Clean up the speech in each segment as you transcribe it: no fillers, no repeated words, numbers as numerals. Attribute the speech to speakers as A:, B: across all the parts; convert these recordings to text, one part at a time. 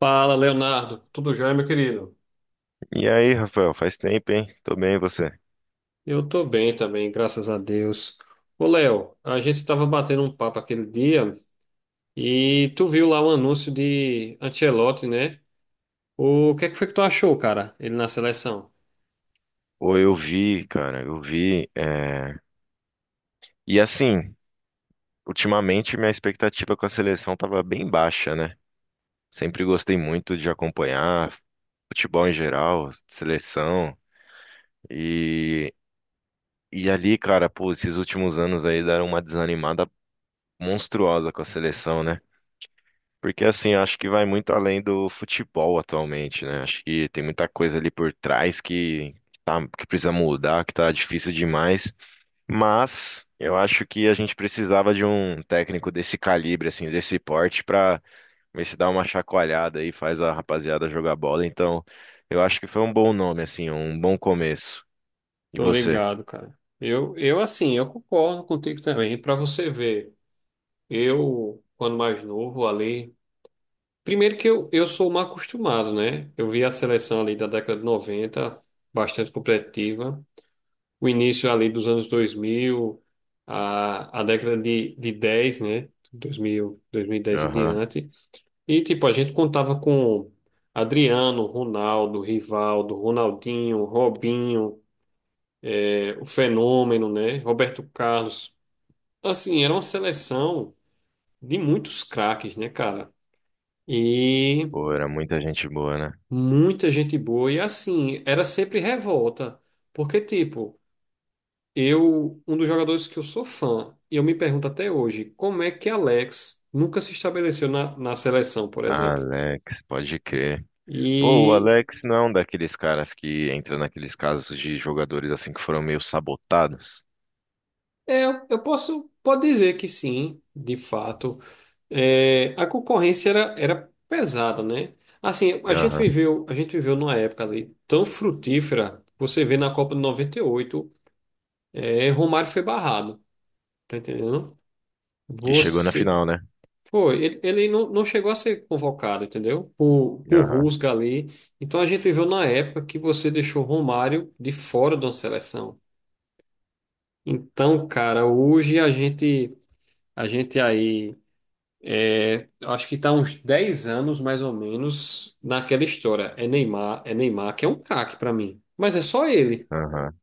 A: Fala, Leonardo. Tudo jóia, meu querido?
B: E aí, Rafael, faz tempo, hein? Tô bem, e você?
A: Eu tô bem também, graças a Deus. Ô, Léo, a gente tava batendo um papo aquele dia e tu viu lá o anúncio de Ancelotti, né? O que é que foi que tu achou, cara? Ele na seleção?
B: Pô, eu vi, cara, eu vi. E assim, ultimamente minha expectativa com a seleção tava bem baixa, né? Sempre gostei muito de acompanhar futebol em geral, seleção. E, e ali, cara, pô, esses últimos anos aí deram uma desanimada monstruosa com a seleção, né? Porque assim, acho que vai muito além do futebol atualmente, né? Acho que tem muita coisa ali por trás que, tá, que precisa mudar, que tá difícil demais. Mas eu acho que a gente precisava de um técnico desse calibre, assim, desse porte, pra ver se dá uma chacoalhada aí, faz a rapaziada jogar bola. Então, eu acho que foi um bom nome, assim, um bom começo. E
A: Tô
B: você?
A: ligado, cara. Eu assim, eu concordo contigo também. Pra você ver, eu, quando mais novo ali. Primeiro que eu sou mal acostumado, né? Eu vi a seleção ali da década de 90, bastante competitiva. O início ali dos anos dois mil, a década de dez, né? 2000, dez em
B: Aham.
A: diante. E, tipo, a gente contava com Adriano, Ronaldo, Rivaldo, Ronaldinho, Robinho, o Fenômeno, né? Roberto Carlos. Assim, era uma seleção de muitos craques, né, cara? E
B: Pô, era muita gente boa, né?
A: muita gente boa. E, assim, era sempre revolta. Porque, tipo, eu, um dos jogadores que eu sou fã, e eu me pergunto até hoje, como é que Alex nunca se estabeleceu na seleção, por exemplo?
B: Alex, pode crer. Pô, o
A: E
B: Alex não é um daqueles caras que entra naqueles casos de jogadores assim que foram meio sabotados.
A: é, eu posso, pode dizer que sim, de fato. É, a concorrência era pesada, né? Assim,
B: Aham.
A: a gente viveu numa época ali tão frutífera, você vê na Copa de 98, é, Romário foi barrado, tá entendendo?
B: E chegou na
A: Você,
B: final, né?
A: foi, ele, ele não chegou a ser convocado, entendeu? Por
B: Aham,
A: Rusga ali. Então a gente viveu na época que você deixou Romário de fora da seleção. Então, cara, hoje a gente aí, é, acho que está uns 10 anos mais ou menos naquela história. É Neymar, que é um craque para mim. Mas é só ele.
B: aham.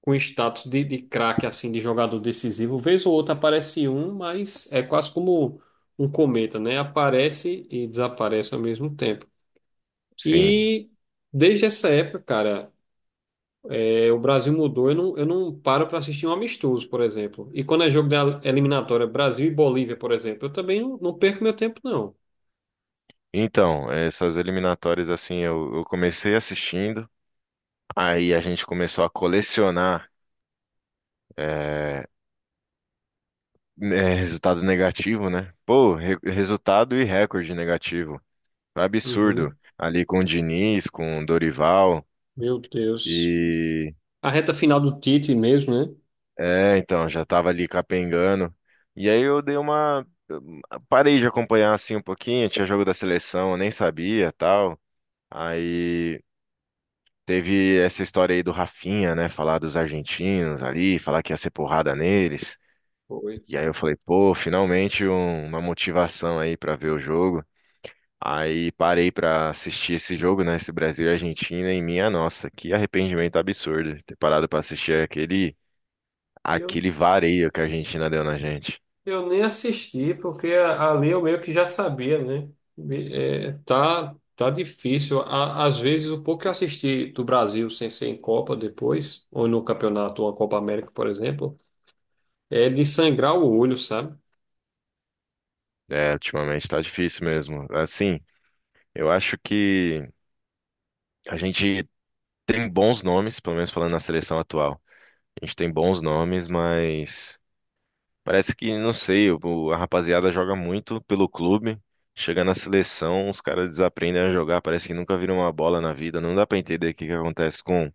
A: Com status de craque, assim, de jogador decisivo. Vez ou outra aparece um, mas é quase como um cometa, né? Aparece e desaparece ao mesmo tempo.
B: Sim.
A: E desde essa época, cara, é, o Brasil mudou. Eu não paro para assistir um amistoso, por exemplo. E quando é jogo da eliminatória, Brasil e Bolívia, por exemplo, eu também não perco meu tempo, não.
B: Então, essas eliminatórias, assim, eu comecei assistindo, aí a gente começou a colecionar é, né, resultado negativo, né? Pô, resultado e recorde negativo. Absurdo.
A: Uhum.
B: Ali com o Diniz, com o Dorival,
A: Meu Deus.
B: e...
A: A reta final do Tite mesmo, né?
B: É, então, já tava ali capengando. E aí eu dei uma... eu parei de acompanhar, assim, um pouquinho, tinha jogo da seleção, eu nem sabia, tal. Aí teve essa história aí do Rafinha, né? Falar dos argentinos ali, falar que ia ser porrada neles.
A: Foi.
B: E aí eu falei, pô, finalmente uma motivação aí pra ver o jogo. Aí parei pra assistir esse jogo, né? Esse Brasil e Argentina, e minha nossa, que arrependimento absurdo de ter parado pra assistir
A: E eu
B: aquele vareio que a Argentina deu na gente.
A: Eu nem assisti, porque ali eu meio que já sabia, né? É, tá difícil. Á- Às vezes, o pouco que eu assisti do Brasil sem ser em Copa depois, ou no campeonato, ou a Copa América, por exemplo, é de sangrar o olho, sabe?
B: É, ultimamente tá difícil mesmo. Assim, eu acho que a gente tem bons nomes, pelo menos falando na seleção atual. A gente tem bons nomes, mas parece que, não sei, a rapaziada joga muito pelo clube. Chega na seleção, os caras desaprendem a jogar, parece que nunca viram uma bola na vida. Não dá pra entender o que que acontece com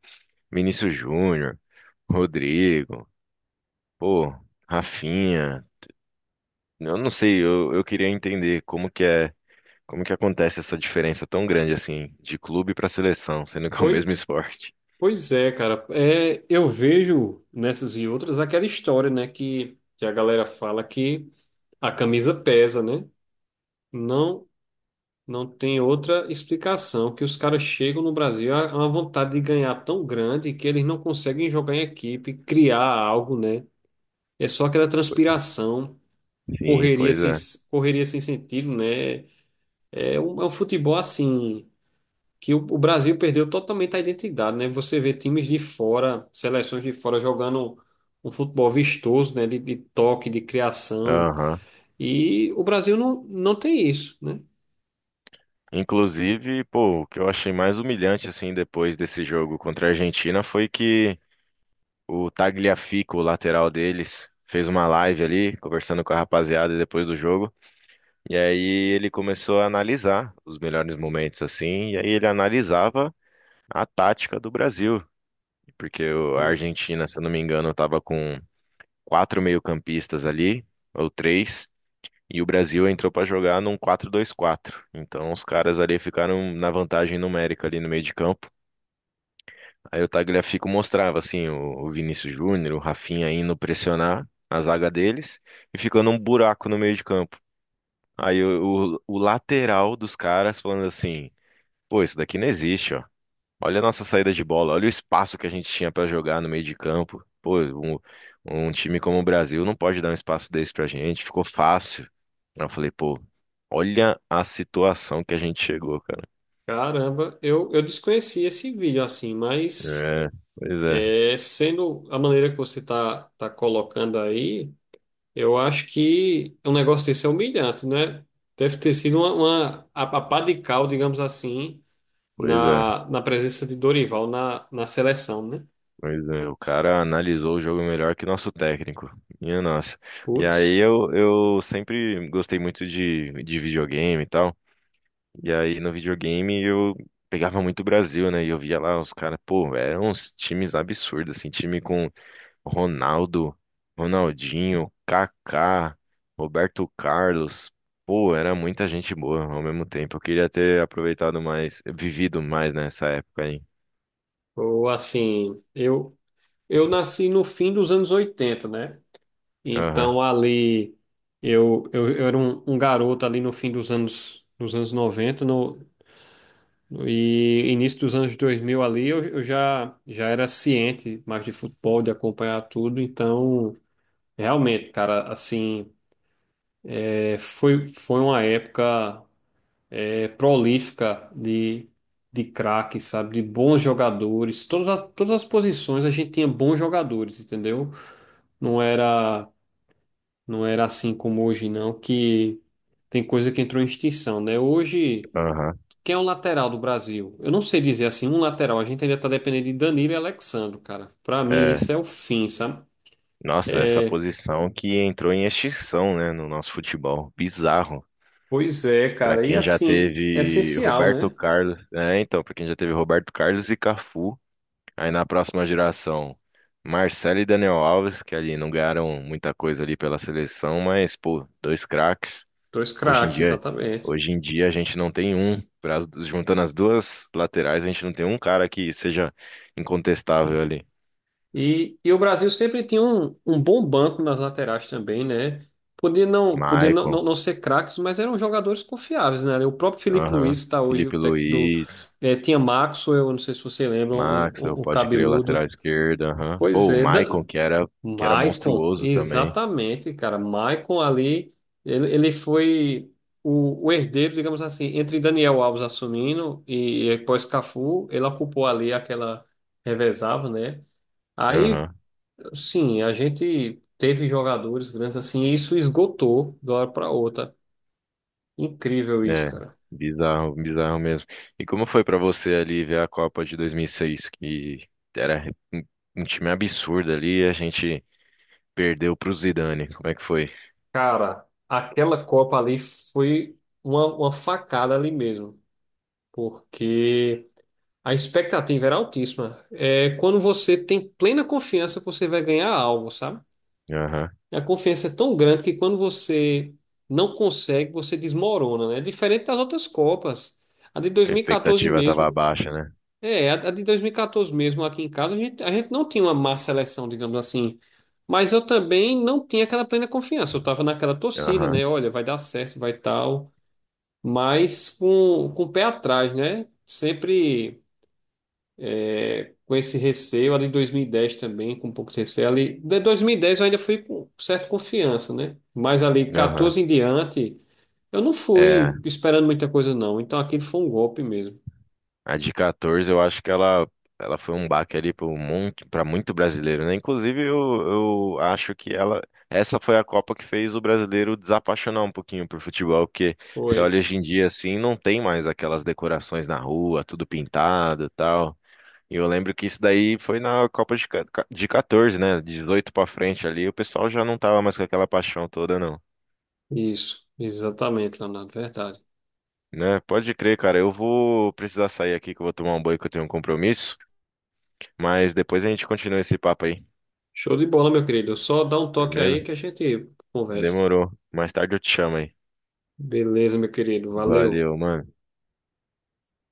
B: Vinícius Júnior, Rodrigo, pô, Rafinha. Eu não sei, eu queria entender como que é, como que acontece essa diferença tão grande assim, de clube pra seleção, sendo que é o
A: Pois,
B: mesmo esporte.
A: pois é, cara. É, eu vejo nessas e outras aquela história, né? Que a galera fala que a camisa pesa, né? Não, não tem outra explicação que os caras chegam no Brasil a uma vontade de ganhar tão grande que eles não conseguem jogar em equipe, criar algo, né? É só aquela transpiração,
B: Sim,
A: correria
B: pois
A: sem,
B: é.
A: correria sem sentido, né? É um futebol assim que o Brasil perdeu totalmente a identidade, né? Você vê times de fora, seleções de fora jogando um futebol vistoso, né? De toque, de criação.
B: Aham.
A: E o Brasil não tem isso, né?
B: Inclusive, pô, o que eu achei mais humilhante, assim, depois desse jogo contra a Argentina foi que o Tagliafico, o lateral deles, fez uma live ali, conversando com a rapaziada depois do jogo. E aí ele começou a analisar os melhores momentos, assim, e aí ele analisava a tática do Brasil. Porque a Argentina, se eu não me engano, estava com quatro meio-campistas ali, ou três. E o Brasil entrou para jogar num 4-2-4. Então os caras ali ficaram na vantagem numérica ali no meio de campo. Aí o Tagliafico mostrava assim o Vinícius Júnior, o Rafinha indo pressionar a zaga deles e ficando um buraco no meio de campo. Aí o lateral dos caras falando assim: "Pô, isso daqui não existe, ó. Olha a nossa saída de bola, olha o espaço que a gente tinha pra jogar no meio de campo. Pô, um time como o Brasil não pode dar um espaço desse pra gente, ficou fácil. Aí eu falei, pô, olha a situação que a gente chegou, cara.
A: Caramba, eu desconheci esse vídeo assim, mas
B: É, pois é,
A: é, sendo a maneira que você tá colocando aí, eu acho que um negócio desse é humilhante, né? Deve ter sido uma a pá de cal, digamos assim,
B: pois é,
A: na presença de Dorival na seleção, né?
B: pois é. O cara analisou o jogo melhor que nosso técnico. Minha nossa. E aí
A: Putz,
B: eu sempre gostei muito de videogame e tal. E aí no videogame eu pegava muito o Brasil, né? E eu via lá os caras, pô, eram uns times absurdos, assim, time com Ronaldo, Ronaldinho, Kaká, Roberto Carlos. Pô, era muita gente boa ao mesmo tempo. Eu queria ter aproveitado mais, vivido mais nessa época aí.
A: ou assim, eu nasci no fim dos anos oitenta, né?
B: Aham,
A: Então ali. Eu era um, um garoto ali no fim dos anos noventa, no, e início dos anos 2000 ali, eu já, já era ciente mais de futebol, de acompanhar tudo. Então, realmente, cara, assim, é, foi, foi uma época é, prolífica de craques, sabe? De bons jogadores. Todas, a- todas as posições a gente tinha bons jogadores, entendeu? Não era, não era assim como hoje, não, que tem coisa que entrou em extinção, né? Hoje.
B: aham.
A: Quem é o lateral do Brasil? Eu não sei dizer assim, um lateral. A gente ainda tá dependendo de Danilo e Alexandro, cara. Pra mim,
B: É.
A: isso é o fim, sabe?
B: Nossa, essa posição que entrou em extinção, né, no nosso futebol. Bizarro.
A: Pois é,
B: Pra
A: cara. E
B: quem já
A: assim, é
B: teve
A: essencial,
B: Roberto
A: né?
B: Carlos, é, então, pra quem já teve Roberto Carlos e Cafu, aí na próxima geração, Marcelo e Daniel Alves, que ali não ganharam muita coisa ali pela seleção, mas pô, dois craques.
A: Dois
B: Hoje em
A: craques,
B: dia,
A: exatamente.
B: hoje em dia a gente não tem um, juntando as duas laterais, a gente não tem um cara que seja incontestável ali.
A: E o Brasil sempre tinha um, um bom banco nas laterais também, né? Podia não, podia não,
B: Maicon,
A: não, não ser craques, mas eram jogadores confiáveis, né? O próprio Felipe Luiz
B: aham,
A: está hoje, o
B: Felipe
A: técnico do.
B: Luiz,
A: Tinha Maxwell, eu não sei se você lembra, o um,
B: Maxwell,
A: um- um
B: pode crer, o lateral
A: cabeludo.
B: esquerdo, aham.
A: Pois
B: Pô, o
A: é, Da-
B: Maicon que era
A: Maicon,
B: monstruoso também.
A: exatamente, cara. Maicon ali, ele foi o herdeiro, digamos assim, entre Daniel Alves assumindo e pós Cafu, ele ocupou ali aquela revezava, né? Aí,
B: Aham,
A: sim, a gente teve jogadores grandes assim, e isso esgotou de uma hora para outra. Incrível isso,
B: é.
A: cara.
B: Bizarro, bizarro mesmo. E como foi pra você ali ver a Copa de 2006, que era um um time absurdo ali, e a gente perdeu pro Zidane. Como é que foi?
A: Cara, aquela Copa ali foi uma facada ali mesmo, porque a expectativa era altíssima. É quando você tem plena confiança que você vai ganhar algo, sabe?
B: Aham.
A: A confiança é tão grande que quando você não consegue, você desmorona, né? Diferente das outras Copas. A de
B: Que a
A: 2014
B: expectativa tava
A: mesmo.
B: baixa, né?
A: É, a de 2014 mesmo, aqui em casa, a gente não tinha uma má seleção, digamos assim. Mas eu também não tinha aquela plena confiança. Eu tava naquela torcida,
B: Aham,
A: né? Olha, vai dar certo, vai tal. Mas com o pé atrás, né? Sempre. Com esse receio ali em 2010 também, com um pouco de receio ali. De 2010 eu ainda fui com certa confiança, né? Mas ali
B: aham.
A: 14 em diante, eu não
B: É,
A: fui esperando muita coisa, não. Então aquilo foi um golpe mesmo.
B: a de 14, eu acho que ela foi um baque ali para monte, para muito brasileiro, né? Inclusive, eu acho que ela, essa foi a Copa que fez o brasileiro desapaixonar um pouquinho por futebol, porque você
A: Foi.
B: olha hoje em dia assim, não tem mais aquelas decorações na rua, tudo pintado e tal. E eu lembro que isso daí foi na Copa de, de 14, né? De 18 para frente ali, o pessoal já não tava mais com aquela paixão toda, não.
A: Isso, exatamente, Leonardo, verdade.
B: Né? Pode crer, cara. Eu vou precisar sair aqui que eu vou tomar um banho que eu tenho um compromisso. Mas depois a gente continua esse papo aí.
A: Show de bola, meu querido. Só dá um toque
B: Beleza?
A: aí que a gente conversa.
B: Demorou. Mais tarde eu te chamo aí.
A: Beleza, meu querido. Valeu.
B: Valeu, mano.